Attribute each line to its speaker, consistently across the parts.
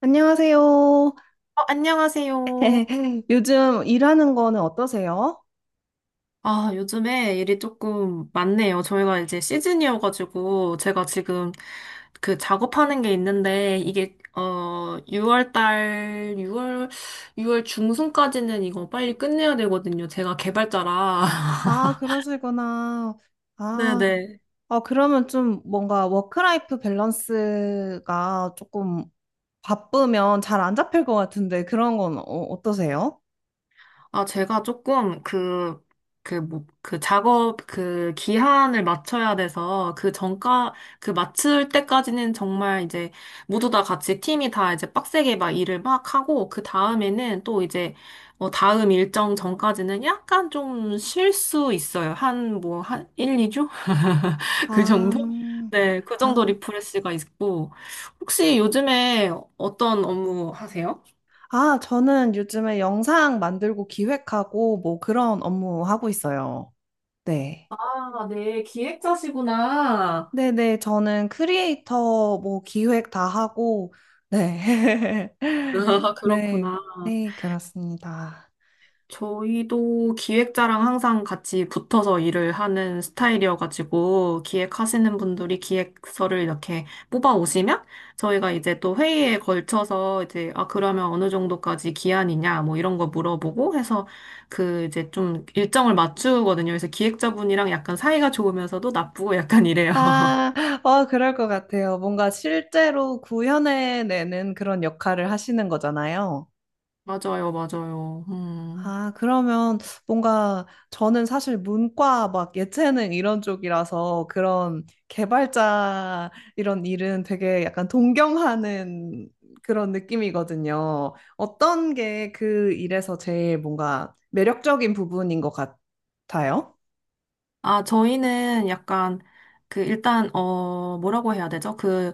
Speaker 1: 안녕하세요.
Speaker 2: 안녕하세요.
Speaker 1: 요즘 일하는 거는 어떠세요?
Speaker 2: 아, 요즘에 일이 조금 많네요. 저희가 이제 시즌이어가지고, 제가 지금 그 작업하는 게 있는데, 이게, 6월 중순까지는 이거 빨리 끝내야 되거든요. 제가 개발자라.
Speaker 1: 아, 그러시구나. 아,
Speaker 2: 네네.
Speaker 1: 그러면 좀 뭔가 워크라이프 밸런스가 조금 바쁘면 잘 안 잡힐 것 같은데 그런 건 어떠세요?
Speaker 2: 아, 제가 조금 뭐, 그 기한을 맞춰야 돼서 그 맞출 때까지는 정말 이제 모두 다 같이 팀이 다 이제 빡세게 막 일을 막 하고 그 다음에는 또 이제 다음 일정 전까지는 약간 좀 쉴 수 있어요. 한 1, 2주? 그
Speaker 1: 아,
Speaker 2: 정도?
Speaker 1: 음,
Speaker 2: 네, 그 정도
Speaker 1: 아,
Speaker 2: 리프레시가 있고. 혹시 요즘에 어떤 업무 하세요?
Speaker 1: 아, 저는 요즘에 영상 만들고 기획하고 뭐 그런 업무 하고 있어요. 네.
Speaker 2: 아, 네, 기획자시구나.
Speaker 1: 네네, 저는 크리에이터 뭐 기획 다 하고, 네.
Speaker 2: 아,
Speaker 1: 네,
Speaker 2: 그렇구나.
Speaker 1: 네, 그렇습니다.
Speaker 2: 저희도 기획자랑 항상 같이 붙어서 일을 하는 스타일이어가지고, 기획하시는 분들이 기획서를 이렇게 뽑아 오시면, 저희가 이제 또 회의에 걸쳐서 이제, 아, 그러면 어느 정도까지 기한이냐, 뭐 이런 거 물어보고 해서, 그 이제 좀 일정을 맞추거든요. 그래서 기획자분이랑 약간 사이가 좋으면서도 나쁘고 약간 이래요.
Speaker 1: 아, 그럴 것 같아요. 뭔가 실제로 구현해내는 그런 역할을 하시는 거잖아요.
Speaker 2: 맞아요, 맞아요. 음.
Speaker 1: 아, 그러면 뭔가 저는 사실 문과 막 예체능 이런 쪽이라서 그런 개발자 이런 일은 되게 약간 동경하는 그런 느낌이거든요. 어떤 게 그 일에서 제일 뭔가 매력적인 부분인 것 같아요?
Speaker 2: 아, 저희는 약간, 그, 일단, 뭐라고 해야 되죠? 그,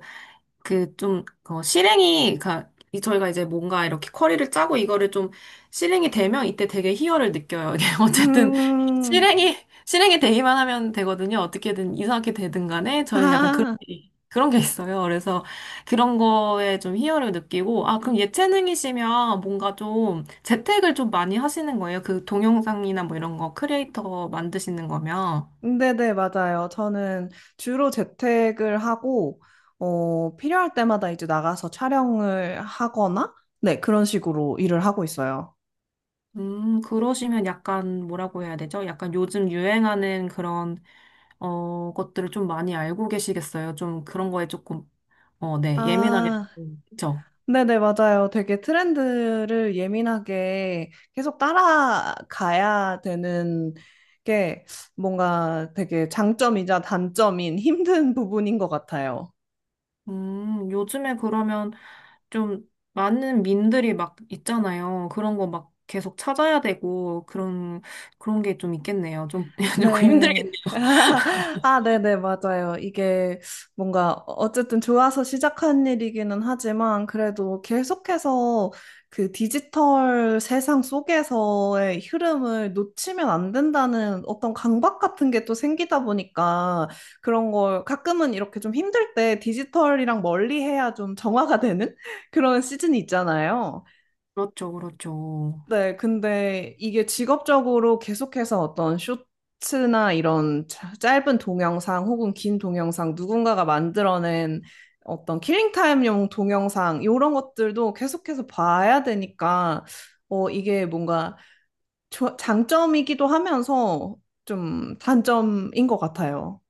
Speaker 2: 그, 좀, 저희가 이제 뭔가 이렇게 커리를 짜고 이거를 좀 실행이 되면 이때 되게 희열을 느껴요. 이게 어쨌든,
Speaker 1: 음.
Speaker 2: 실행이, 실행이 되기만 하면 되거든요. 어떻게든 이상하게 되든 간에 저희는 약간
Speaker 1: 아,
Speaker 2: 그런 게 있어요. 그래서 그런 거에 좀 희열을 느끼고, 아, 그럼 예체능이시면 뭔가 좀 재택을 좀 많이 하시는 거예요? 그 동영상이나 뭐 이런 거 크리에이터 만드시는 거면.
Speaker 1: 네네, 맞아요. 저는 주로 재택을 하고, 필요할 때마다 이제 나가서 촬영을 하거나, 네, 그런 식으로 일을 하고 있어요.
Speaker 2: 그러시면 약간 뭐라고 해야 되죠? 약간 요즘 유행하는 그런, 것들을 좀 많이 알고 계시겠어요? 좀 그런 거에 조금, 네, 예민하게,
Speaker 1: 아,
Speaker 2: 그죠?
Speaker 1: 네네, 맞아요. 되게 트렌드를 예민하게 계속 따라가야 되는 게 뭔가 되게 장점이자 단점인 힘든 부분인 것 같아요.
Speaker 2: 요즘에 그러면 좀 많은 민들이 막 있잖아요. 그런 거 막 계속 찾아야 되고, 그런 게 좀 있겠네요. 좀, 조금 힘들겠
Speaker 1: 네. 아, 네네, 맞아요. 이게 뭔가 어쨌든 좋아서 시작한 일이기는 하지만 그래도 계속해서 그 디지털 세상 속에서의 흐름을 놓치면 안 된다는 어떤 강박 같은 게 또 생기다 보니까 그런 걸 가끔은 이렇게 좀 힘들 때 디지털이랑 멀리 해야 좀 정화가 되는 그런 시즌이 있잖아요.
Speaker 2: 그렇죠, 그렇죠.
Speaker 1: 네, 근데 이게 직업적으로 계속해서 어떤 쇼츠나 이런 짧은 동영상 혹은 긴 동영상 누군가가 만들어낸 어떤 킬링타임용 동영상 이런 것들도 계속해서 봐야 되니까 이게 뭔가 장점이기도 하면서 좀 단점인 것 같아요.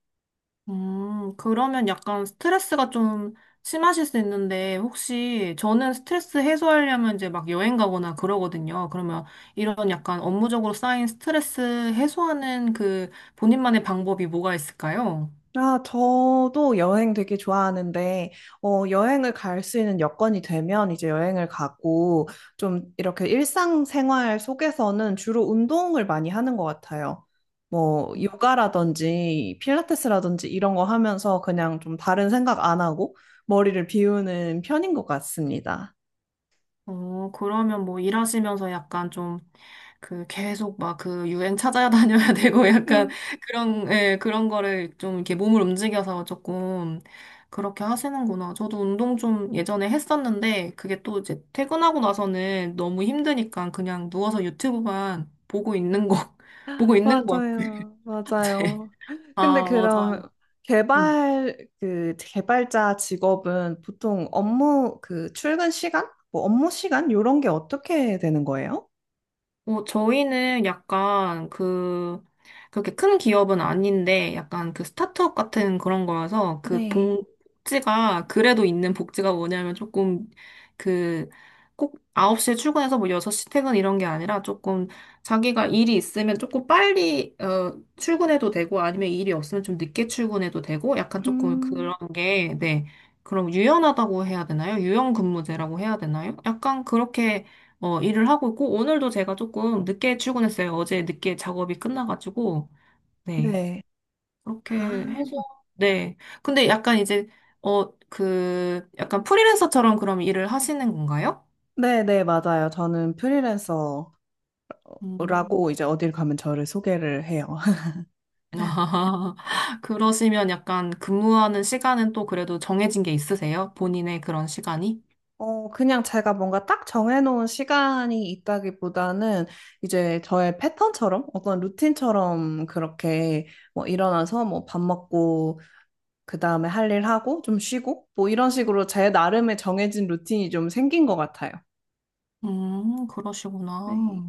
Speaker 2: 그러면 약간 스트레스가 좀 심하실 수 있는데, 혹시 저는 스트레스 해소하려면 이제 막 여행 가거나 그러거든요. 그러면 이런 약간 업무적으로 쌓인 스트레스 해소하는 그 본인만의 방법이 뭐가 있을까요?
Speaker 1: 아, 저도 여행 되게 좋아하는데, 여행을 갈 수 있는 여건이 되면 이제 여행을 가고, 좀 이렇게 일상생활 속에서는 주로 운동을 많이 하는 것 같아요. 뭐, 요가라든지, 필라테스라든지 이런 거 하면서 그냥 좀 다른 생각 안 하고 머리를 비우는 편인 것 같습니다.
Speaker 2: 그러면 뭐 일하시면서 약간 좀 그 계속 막 그 유행 찾아 다녀야 되고 약간 그런, 예, 그런 거를 좀 이렇게 몸을 움직여서 조금 그렇게 하시는구나. 저도 운동 좀 예전에 했었는데 그게 또 이제 퇴근하고 나서는 너무 힘드니까 그냥 누워서 유튜브만 보고 있는 거, 보고 있는 것 같아요.
Speaker 1: 맞아요. 맞아요. 근데
Speaker 2: 아,
Speaker 1: 그럼
Speaker 2: 맞아요. 음.
Speaker 1: 개발 그 개발자 직업은 보통 업무 그 출근 시간, 뭐 업무 시간 요런 게 어떻게 되는 거예요?
Speaker 2: 저희는 약간 그, 그렇게 큰 기업은 아닌데, 약간 그 스타트업 같은 그런 거여서,
Speaker 1: 네.
Speaker 2: 그래도 있는 복지가 뭐냐면 조금 그, 꼭 9시에 출근해서 뭐 6시 퇴근 이런 게 아니라 조금 자기가 일이 있으면 조금 빨리, 출근해도 되고, 아니면 일이 없으면 좀 늦게 출근해도 되고, 약간 조금 그런
Speaker 1: 음.
Speaker 2: 게, 네. 그럼 유연하다고 해야 되나요? 유연 근무제라고 해야 되나요? 약간 그렇게 일을 하고 있고, 오늘도 제가 조금 늦게 출근했어요. 어제 늦게 작업이 끝나가지고, 네.
Speaker 1: 네.
Speaker 2: 그렇게
Speaker 1: 아,
Speaker 2: 해서, 네. 근데 약간 이제, 그, 약간 프리랜서처럼 그럼 일을 하시는 건가요?
Speaker 1: 네, 네, 맞아요. 저는 프리랜서라고
Speaker 2: 음.
Speaker 1: 이제 어딜 가면 저를 소개를 해요.
Speaker 2: 아, 그러시면 약간 근무하는 시간은 또 그래도 정해진 게 있으세요? 본인의 그런 시간이?
Speaker 1: 그냥 제가 뭔가 딱 정해놓은 시간이 있다기보다는 이제 저의 패턴처럼 어떤 루틴처럼 그렇게 뭐 일어나서 뭐 밥 먹고 그 다음에 할 일 하고 좀 쉬고 뭐 이런 식으로 제 나름의 정해진 루틴이 좀 생긴 것 같아요.
Speaker 2: 그러시구나.
Speaker 1: 네.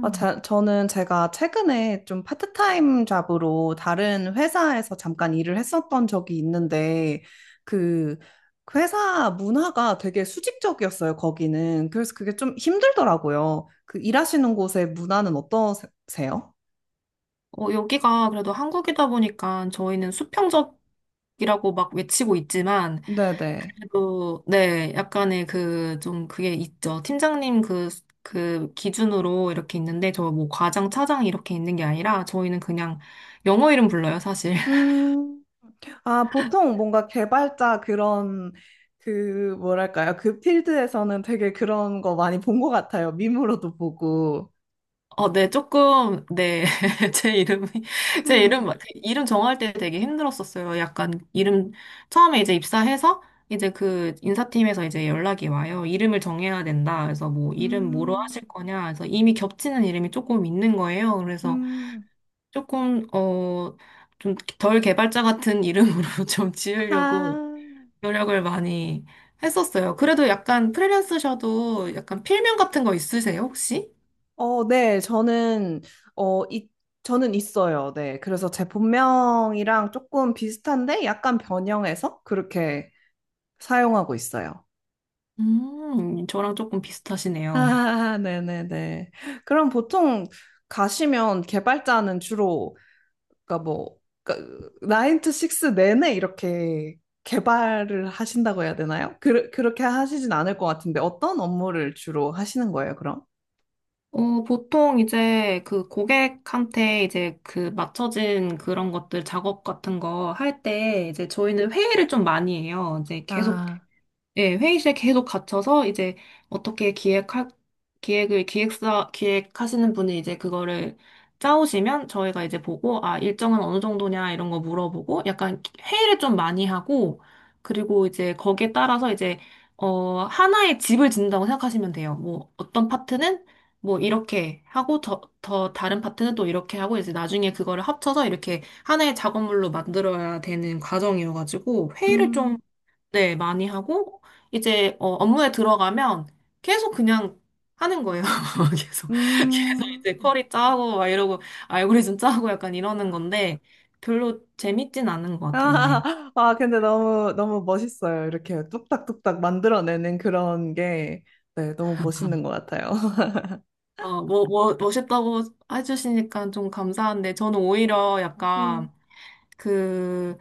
Speaker 1: 아, 자, 저는 제가 최근에 좀 파트타임 잡으로 다른 회사에서 잠깐 일을 했었던 적이 있는데, 그, 그 회사 문화가 되게 수직적이었어요, 거기는. 그래서 그게 좀 힘들더라고요. 그 일하시는 곳의 문화는 어떠세요?
Speaker 2: 여기가 그래도 한국이다 보니까 저희는 수평적이라고 막 외치고 있지만,
Speaker 1: 네네.
Speaker 2: 그래도, 네, 약간의 그, 좀 그게 있죠. 팀장님 그 기준으로 이렇게 있는데, 저 뭐 과장, 차장 이렇게 있는 게 아니라, 저희는 그냥 영어 이름 불러요, 사실.
Speaker 1: 음. 아, 보통 뭔가 개발자 그런, 그, 뭐랄까요. 그 필드에서는 되게 그런 거 많이 본 것 같아요. 밈으로도 보고.
Speaker 2: 네, 조금, 네, 제 이름이, 제 이름,
Speaker 1: 네.
Speaker 2: 막- 이름 정할 때 되게 힘들었었어요. 약간, 이름, 처음에 이제 입사해서, 이제 그 인사팀에서 이제 연락이 와요. 이름을 정해야 된다. 그래서 뭐, 이름 뭐로 하실
Speaker 1: 음.
Speaker 2: 거냐. 그래서 이미 겹치는 이름이 조금 있는 거예요. 그래서
Speaker 1: 음.
Speaker 2: 조금, 좀 덜 개발자 같은 이름으로 좀 지으려고
Speaker 1: 아,
Speaker 2: 노력을 많이 했었어요. 그래도 약간 프리랜서셔도 약간 필명 같은 거 있으세요, 혹시?
Speaker 1: 네, 어, 이, 저는 있어요. 네. 그래서 제 본명이랑 조금 비슷한데 약간 변형해서 그렇게 사용하고 있어요.
Speaker 2: 저랑 조금 비슷하시네요.
Speaker 1: 아, 네네네. 그럼 보통 가시면 개발자는 주로, 그러니까 뭐, 그, 9 to 6 내내 이렇게 개발을 하신다고 해야 되나요? 그, 그렇게 하시진 않을 것 같은데 어떤 업무를 주로 하시는 거예요, 그럼?
Speaker 2: 보통 이제 그 고객한테 이제 그 맞춰진 그런 것들 작업 같은 거 할 때 이제 저희는 회의를 좀 많이 해요. 이제 계속
Speaker 1: 아,
Speaker 2: 예, 회의실에 계속 갇혀서 이제 어떻게 기획하시는 분이 이제 그거를 짜오시면 저희가 이제 보고, 아, 일정은 어느 정도냐 이런 거 물어보고, 약간 회의를 좀 많이 하고, 그리고 이제 거기에 따라서 이제, 하나의 집을 짓는다고 생각하시면 돼요. 뭐, 어떤 파트는 뭐 이렇게 하고, 더 다른 파트는 또 이렇게 하고, 이제 나중에 그거를 합쳐서 이렇게 하나의 작업물로 만들어야 되는 과정이어가지고, 회의를 좀
Speaker 1: 음.
Speaker 2: 네, 많이 하고, 이제, 업무에 들어가면 계속 그냥 하는 거예요. 계속, 계속
Speaker 1: 음.
Speaker 2: 이제 쿼리 짜고, 막 이러고, 알고리즘 짜고 약간 이러는 건데, 별로 재밌진 않은 것 같아요, 네.
Speaker 1: 아, 아, 근데 너무, 너무 멋있어요. 이렇게 뚝딱뚝딱 만들어내는 그런 게, 네, 너무 멋있는 것 같아요.
Speaker 2: 뭐, 멋있다고 해주시니까 좀 감사한데, 저는 오히려
Speaker 1: 음.
Speaker 2: 약간 그,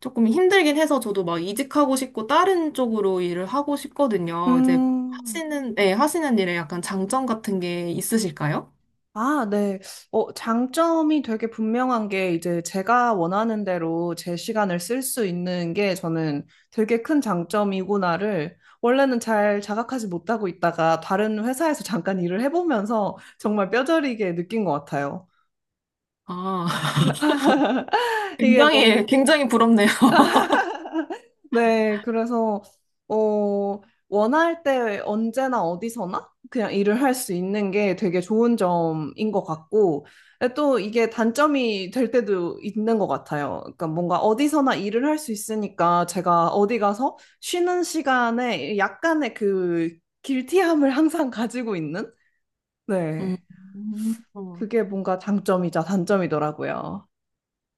Speaker 2: 조금 힘들긴 해서 저도 막 이직하고 싶고, 다른 쪽으로 일을 하고 싶거든요. 이제
Speaker 1: 음.
Speaker 2: 하시는, 네, 하시는 일에 약간 장점 같은 게 있으실까요?
Speaker 1: 아, 네. 장점이 되게 분명한 게 이제 제가 원하는 대로 제 시간을 쓸 수 있는 게 저는 되게 큰 장점이구나를 원래는 잘 자각하지 못하고 있다가 다른 회사에서 잠깐 일을 해보면서 정말 뼈저리게 느낀 것 같아요.
Speaker 2: 아,
Speaker 1: 이게
Speaker 2: 굉장히, 굉장히 부럽네요.
Speaker 1: 네, 그래서 어 원할 때 언제나 어디서나 그냥 일을 할 수 있는 게 되게 좋은 점인 것 같고 또 이게 단점이 될 때도 있는 것 같아요. 그러니까 뭔가 어디서나 일을 할 수 있으니까 제가 어디 가서 쉬는 시간에 약간의 그 길티함을 항상 가지고 있는,
Speaker 2: 음.
Speaker 1: 네,
Speaker 2: 어.
Speaker 1: 그게 뭔가 장점이자 단점이더라고요.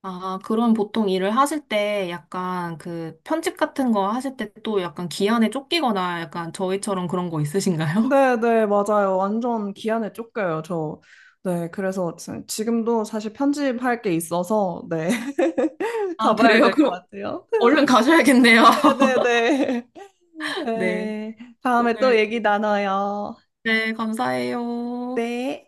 Speaker 2: 아, 그럼 보통 일을 하실 때 약간 그 편집 같은 거 하실 때 또 약간 기한에 쫓기거나 약간 저희처럼 그런 거 있으신가요?
Speaker 1: 네, 네, 맞아요. 완전 기한에 쫓겨요, 저. 네, 그래서 지금도 사실 편집할 게 있어서, 네,
Speaker 2: 아,
Speaker 1: 가봐야
Speaker 2: 그래요?
Speaker 1: 될 것
Speaker 2: 그럼
Speaker 1: 같아요.
Speaker 2: 얼른 가셔야겠네요.
Speaker 1: 네, 네, 네.
Speaker 2: 네.
Speaker 1: 네, 다음에
Speaker 2: 오늘,
Speaker 1: 또 얘기 나눠요.
Speaker 2: 네, 감사해요.
Speaker 1: 네.